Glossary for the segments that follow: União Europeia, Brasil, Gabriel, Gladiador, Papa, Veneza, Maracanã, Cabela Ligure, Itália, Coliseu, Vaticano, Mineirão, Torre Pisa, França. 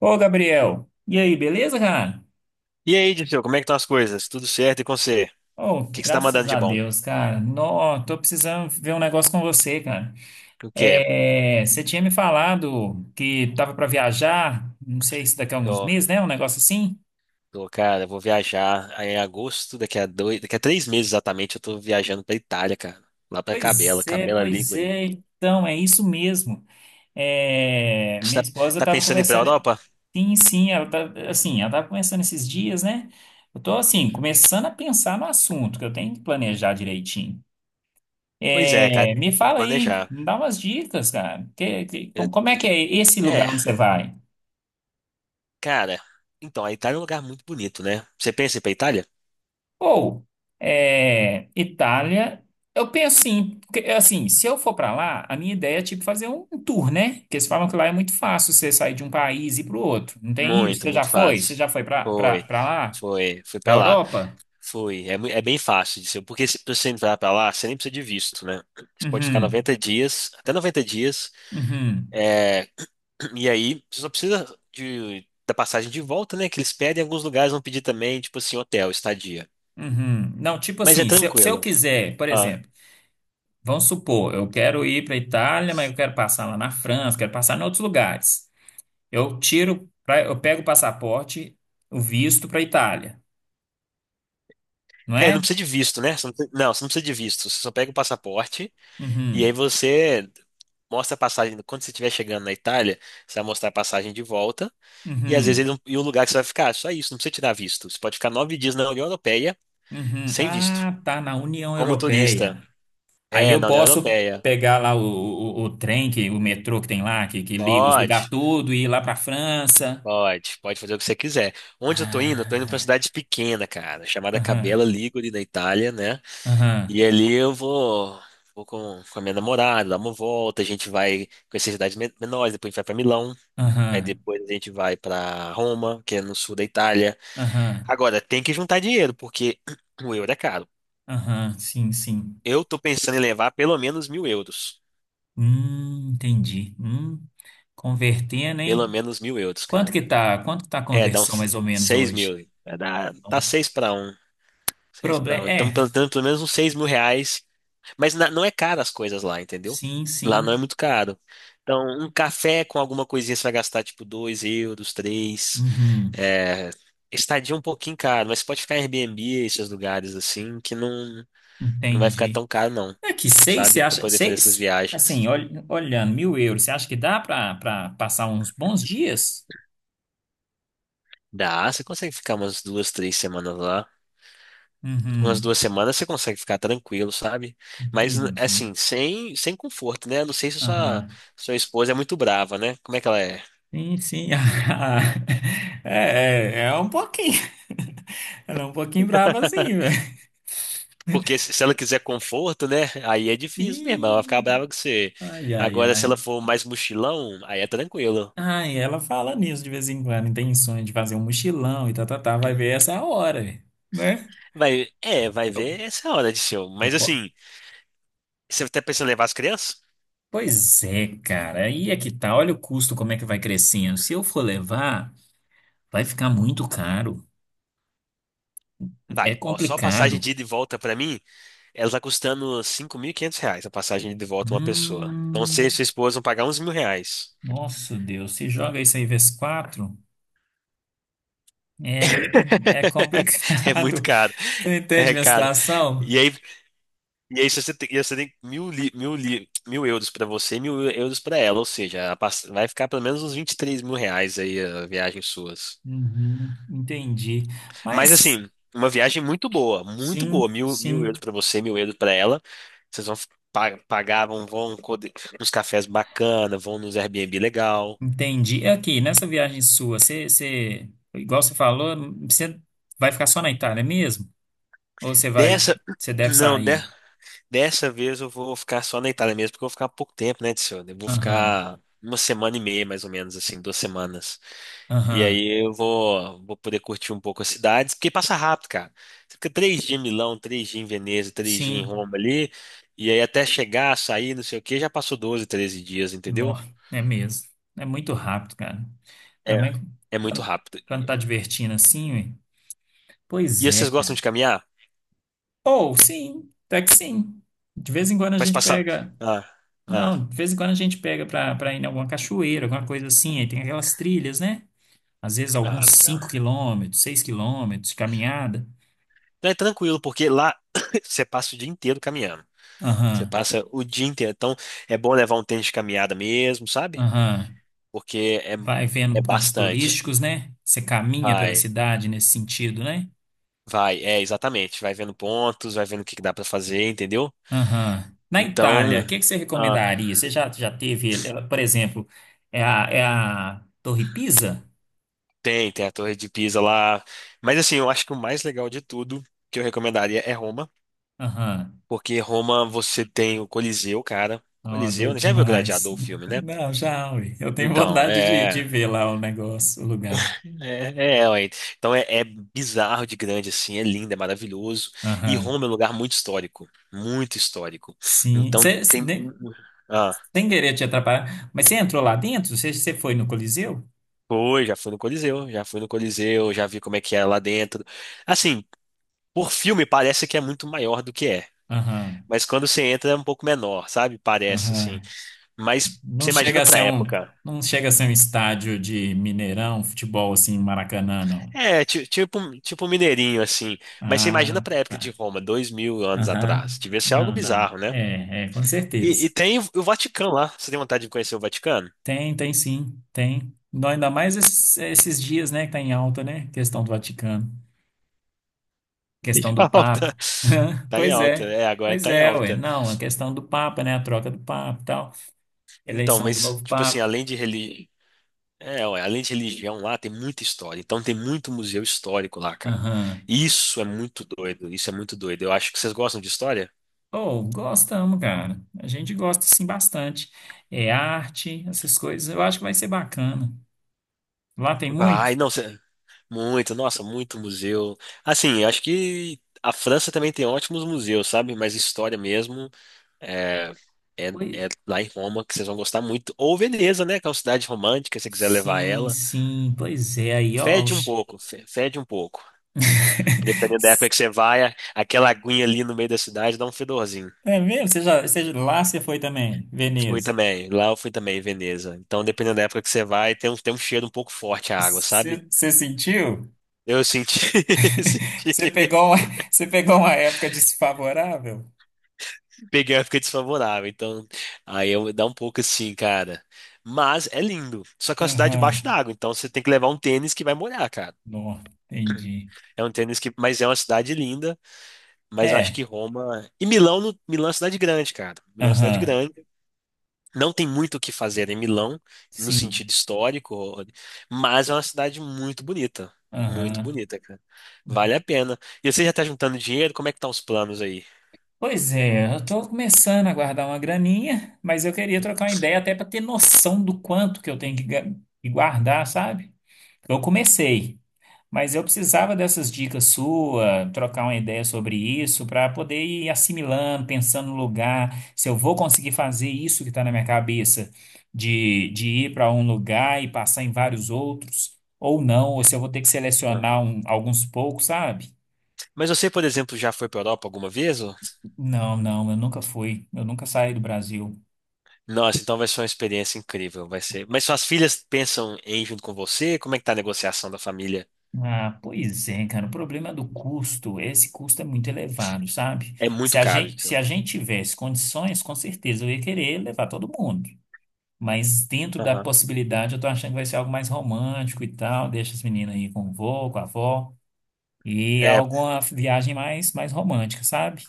Ô, Gabriel, e aí, beleza, cara? E aí, Dirceu, como é que estão as coisas? Tudo certo e com você? O Oh, que que você tá mandando graças de a bom? Deus, cara. Nó, tô precisando ver um negócio com você, cara. O quê? É, você tinha me falado que tava pra viajar, não sei se daqui a alguns Tô, meses, né? Um negócio assim. tô, cara, vou viajar aí em agosto, daqui a três meses exatamente, eu tô viajando pra Itália, cara. Lá pra Cabela, Pois é, Cabela pois Ligure. é. Então, é isso mesmo. É, minha Você tá, esposa tá tava pensando em ir pra conversando. Europa? Sim, sim, ela tava conversando esses dias, né? Eu tô, assim, começando a pensar no assunto, que eu tenho que planejar direitinho. Pois é, cara, É, me tem que fala aí, planejar. me dá umas dicas, cara. Que- que- com- Eu- como é que é esse É, lugar onde você vai? cara, então, a Itália é um lugar muito bonito, né? Você pensa em ir pra Itália? Ou, Itália, eu penso assim, porque, assim, se eu for pra lá, a minha ideia é tipo fazer um tour, né? Porque eles falam que lá é muito fácil você sair de um país e ir pro outro. Não tem isso? Muito, Você já muito foi? Você fácil. já foi pra pra- Foi, pra lá? fui Pra pra lá. Europa? Fui. É, é bem fácil de ser, porque se pra você entrar pra lá, você nem precisa de visto, né? Você pode ficar Uhum, 90 dias, até 90 dias, uhum, é, e aí você só precisa da passagem de volta, né? Que eles pedem, alguns lugares vão pedir também, tipo assim, hotel, estadia. uhum. Não, tipo Mas é assim, se eu tranquilo. quiser, por Ah. exemplo. Vamos supor, eu quero ir para a Itália, mas eu quero passar lá na França, quero passar em outros lugares. Eu pego o passaporte, o visto para a Itália, não É, é? não precisa de visto, né? Você não, não, você não precisa de visto. Você só pega o passaporte e aí Uhum, você mostra a passagem. Quando você estiver chegando na Itália, você vai mostrar a passagem de volta. E às vezes ele uhum, não- e o lugar que você vai ficar, só isso, não precisa tirar visto. Você pode ficar 9 dias na União Europeia uhum. sem visto, Ah, tá na União como turista. Europeia. Aí É, eu na União posso Europeia. pegar lá o trem, o metrô que tem lá, que liga os lugares Pode, tudo, e ir lá para a França. pode fazer o que você quiser. Onde eu tô indo? Eu tô indo pra uma Ah, cidade pequena, cara, chamada aham, Cabela Ligure, na Itália, né? aham, E ali eu vou com a minha namorada, dar uma volta, a gente vai conhecer cidades menores, depois a gente vai pra Milão, aí aham, depois a gente vai pra Roma, que é no sul da Itália. aham, Agora, tem que juntar dinheiro, porque o euro é caro. aham, sim, sim. Eu tô pensando em levar pelo menos 1.000 euros. Entendi. Convertendo, Pelo hein? menos mil euros, cara. Quanto que tá a É, dá conversão uns mais ou menos seis hoje? mil. É, dá seis pra um. Seis pra Problema. um. Então, É, pelo menos uns 6.000 reais. Mas não é caro as coisas lá, entendeu? sim, Lá não é sim. muito caro. Então, um café com alguma coisinha você vai gastar tipo 2 euros, três. Uhum, É, estadia é um pouquinho caro, mas pode ficar em Airbnb, esses lugares assim, que não vai ficar entendi. tão caro, não. É que seis, você Sabe? Pra acha? poder fazer essas Seis, assim, viagens. olhando, € 1.000, você acha que dá para passar uns bons dias? Dá, você consegue ficar umas duas, três semanas lá. Umas Uhum, duas semanas você consegue ficar tranquilo, sabe? Mas, entendi. assim, sem conforto, né? Eu não sei se sua, Aham. sua esposa é muito brava, né? Como é que ela é? Sim, sim. É um pouquinho. Ela é um pouquinho brava assim, velho. Porque se ela quiser conforto, né? Aí é difícil mesmo, ela vai ficar Ih. brava com você. Ai, ai, Agora, se ai. ela for mais mochilão, aí é tranquilo. Ai, ela fala nisso de vez em quando, tem sonho de fazer um mochilão e tá, tá, tá, vai Hum. ver essa hora, né? Vai Eu, ver essa hora de show. eu, Mas, po- assim, você tá pensando em levar as crianças? pois é, cara, aí é que tá, olha o custo, como é que vai crescendo. Se eu for levar, vai ficar muito caro, é Vai, ó, só a passagem complicado. de ida e volta pra mim, ela tá custando 5.500 reais a passagem de ida e volta uma pessoa. Então, você e Hum, sua esposa vão pagar uns 1.000 reais. nossa Deus, se joga isso aí vezes quatro, é, é É muito complicado. caro. Você entende É minha caro. situação? E aí, e aí se você tem mil euros pra você e 1.000 euros pra ela, ou seja, vai ficar pelo menos uns 23.000 reais aí a viagem suas. Uhum, entendi. Mas Mas, assim, uma viagem muito boa, muito sim, boa. Mil euros sim. pra você, 1.000 euros pra ela. Vocês vão pagar, vão nos cafés bacana, vão nos Airbnb legal. Entendi. E aqui, nessa viagem sua, igual você falou, você vai ficar só na Itália mesmo? Ou você vai, Dessa, você deve não, sair? Dessa vez eu vou ficar só na Itália mesmo, porque eu vou ficar pouco tempo, né, tio? Eu vou Aham, ficar uma semana e meia, mais ou menos, assim, duas semanas. E aham. aí eu vou poder curtir um pouco as cidades, porque passa rápido, cara. Você fica 3 dias em Milão, 3 dias em Veneza, 3 dias em Sim, Roma ali, e aí até chegar, sair, não sei o quê, já passou 12, 13 dias, nó, entendeu? é mesmo. É muito rápido, cara. É. Também É muito quando, rápido. quando tá divertindo assim, ué. Pois E é. vocês gostam de caminhar? Ou sim, até que sim. De vez em quando a Mas gente passar. pega. Ah, ah, Não, de vez em quando a gente pega pra ir em alguma cachoeira, alguma coisa assim. Aí tem aquelas trilhas, né? Às vezes ah, alguns legal. 5 km, 6 km de caminhada. Não, é tranquilo, porque lá você passa o dia inteiro caminhando. Você Aham, passa o dia inteiro. Então, é bom levar um tênis de caminhada mesmo, sabe? aham. Porque é, Vai é vendo pontos bastante. turísticos, né? Você caminha pela Vai, cidade nesse sentido, né? É exatamente. Vai vendo pontos, vai vendo o que que dá pra fazer, entendeu? Aham. Na Itália, Então, o que que você ah, recomendaria? Você já teve, por exemplo, é a Torre Pisa? tem a Torre de Pisa lá. Mas assim, eu acho que o mais legal de tudo que eu recomendaria é Roma, Aham. porque Roma você tem o Coliseu, cara. Ó, Coliseu, doido né? Já viu demais. Gladiador, o filme, né? Não, já, ui, eu tenho Então, vontade de, é. ver lá o negócio, o lugar. É, é, ué. Então é bizarro de grande, assim, é lindo, é maravilhoso. E Aham. Roma é um lugar muito histórico, muito histórico. Sim. Então tem. Ah, Sem querer te atrapalhar. Mas você entrou lá dentro? Você foi no Coliseu? já fui no Coliseu, já fui no Coliseu, já vi como é que é lá dentro. Assim, por filme parece que é muito maior do que é, Aham, mas quando você entra é um pouco menor, sabe? Parece, assim. aham. Mas Não você chega imagina a pra ser um, época. Não chega a ser um estádio de Mineirão, futebol assim, Maracanã, não. É, tipo um mineirinho, assim. Mas você imagina Ah, pra época de tá. Roma, 2.000 anos Aham. atrás. Devia ser algo Não, não. bizarro, né? É, com E certeza. tem o Vaticano lá. Você tem vontade de conhecer o Vaticano? Tem, tem sim, tem. Não, ainda mais esses dias, né, que tá em alta, né? Questão do Vaticano, Em questão do alta. Papa. Tá em Pois alta. é, É, agora pois tá em é, ué. alta. Não, a questão do Papa, né? A troca do Papa e tal, Então, eleição do mas, novo tipo assim, Papa. além de religião. É, ué, além de religião lá, tem muita história. Então tem muito museu histórico lá, cara. Aham. Isso é muito doido. Isso é muito doido. Eu acho que vocês gostam de história? Oh, gostamos, cara. A gente gosta, sim, bastante. É arte, essas coisas. Eu acho que vai ser bacana. Lá tem Vai, muito? não, muito, nossa, muito museu. Assim, eu acho que a França também tem ótimos museus, sabe? Mas história mesmo é, é, Pois- é lá em Roma que vocês vão gostar muito. Ou Veneza, né? Que é uma cidade romântica, se você quiser levar Sim, ela. sim. Pois é, aí, ó. Fede um pouco, fede um pouco. Dependendo da época que você vai, aquela aguinha ali no meio da cidade dá um fedorzinho. É mesmo? Lá você foi também, Fui Veneza. também, lá eu fui também, em Veneza. Então, dependendo da época que você vai, tem um cheiro um pouco forte a água, sabe? Você sentiu? Eu senti, Você senti. pegou uma, Você pegou uma época desfavorável? Peguei uma época desfavorável, então aí eu dá um pouco assim, cara. Mas é lindo. Só que é uma cidade Aham. debaixo d'água, então você tem que levar um tênis que vai molhar, cara. Não, entendi. É um tênis que, mas é uma cidade linda, mas eu acho É, que Roma e Milão, Milão é uma cidade grande, cara. Milão é uma cidade aham. grande. Não tem muito o que fazer em Milão no Sim, sentido histórico, mas é uma cidade muito aham. bonita, cara. Vale a pena. E você já tá juntando dinheiro? Como é que tá os planos aí? Pois é, eu tô começando a guardar uma graninha, mas eu queria trocar uma ideia até para ter noção do quanto que eu tenho que que guardar, sabe? Eu comecei, mas eu precisava dessas dicas suas, trocar uma ideia sobre isso, para poder ir assimilando, pensando no lugar, se eu vou conseguir fazer isso que está na minha cabeça, de, ir para um lugar e passar em vários outros, ou não, ou se eu vou ter que Ah. selecionar alguns poucos, sabe? Mas você, por exemplo, já foi pra Europa alguma vez? Ô? Não, não, eu nunca saí do Brasil. Nossa, então vai ser uma experiência incrível, vai ser. Mas suas filhas pensam em ir junto com você? Como é que tá a negociação da família? Ah, pois é, cara. O problema do custo, esse custo é muito elevado, sabe? É Se muito a caro, gente, se então. a gente tivesse condições, com certeza eu ia querer levar todo mundo. Mas dentro da Aham. possibilidade, eu tô achando que vai ser algo mais romântico e tal. Deixa as meninas aí com o vô, com a avó. E É, alguma viagem mais romântica, sabe?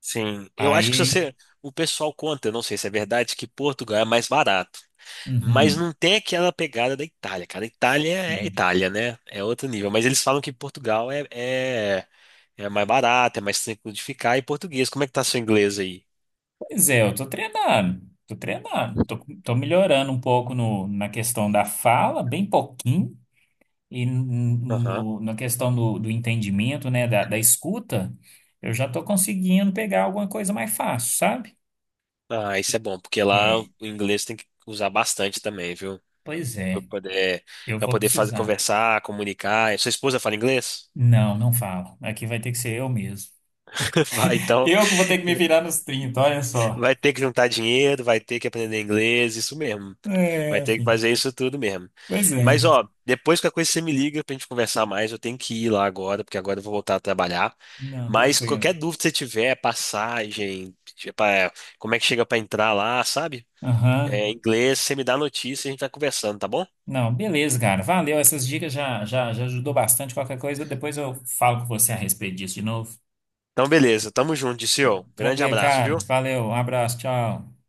sim. Eu acho que se Aí. você, o pessoal conta, eu não sei se é verdade, que Portugal é mais barato, mas Uhum, não tem aquela pegada da Itália, cara. Itália é sim. Itália, né? É outro nível. Mas eles falam que Portugal é mais barato, é mais tranquilo de ficar. E português, como é que tá seu inglês aí? Pois é, eu tô treinando. Tô treinando. Tô melhorando um pouco no, na questão da fala, bem pouquinho. E Aham. na questão do, entendimento, né, da, escuta, eu já estou conseguindo pegar alguma coisa mais fácil, sabe? Ah, isso é bom, porque lá o É, inglês tem que usar bastante também, viu? pois Pra é, poder, eu pra vou poder fazer, precisar. conversar, comunicar. E sua esposa fala inglês? Não, não falo. Aqui vai ter que ser eu mesmo. Vai, então, Eu que vou ter que me virar nos 30, olha só. vai ter que juntar dinheiro, vai ter que aprender inglês, isso mesmo. Vai É, ter que fazer enfim. isso tudo mesmo. Pois é. Mas, ó, depois que a coisa você me liga pra gente conversar mais, eu tenho que ir lá agora, porque agora eu vou voltar a trabalhar. Não, Mas tranquilo. qualquer dúvida que você tiver, passagem, tipo, é, como é que chega pra entrar lá, sabe? É, Aham. inglês, você me dá notícia e a gente vai conversando, tá bom? Não, beleza, cara. Valeu. Essas dicas já ajudou bastante. Qualquer coisa, depois eu falo com você a respeito disso de novo. Então, beleza, tamo junto, Dirceu. Grande Tranquilo, abraço, viu? cara. Valeu. Um abraço. Tchau.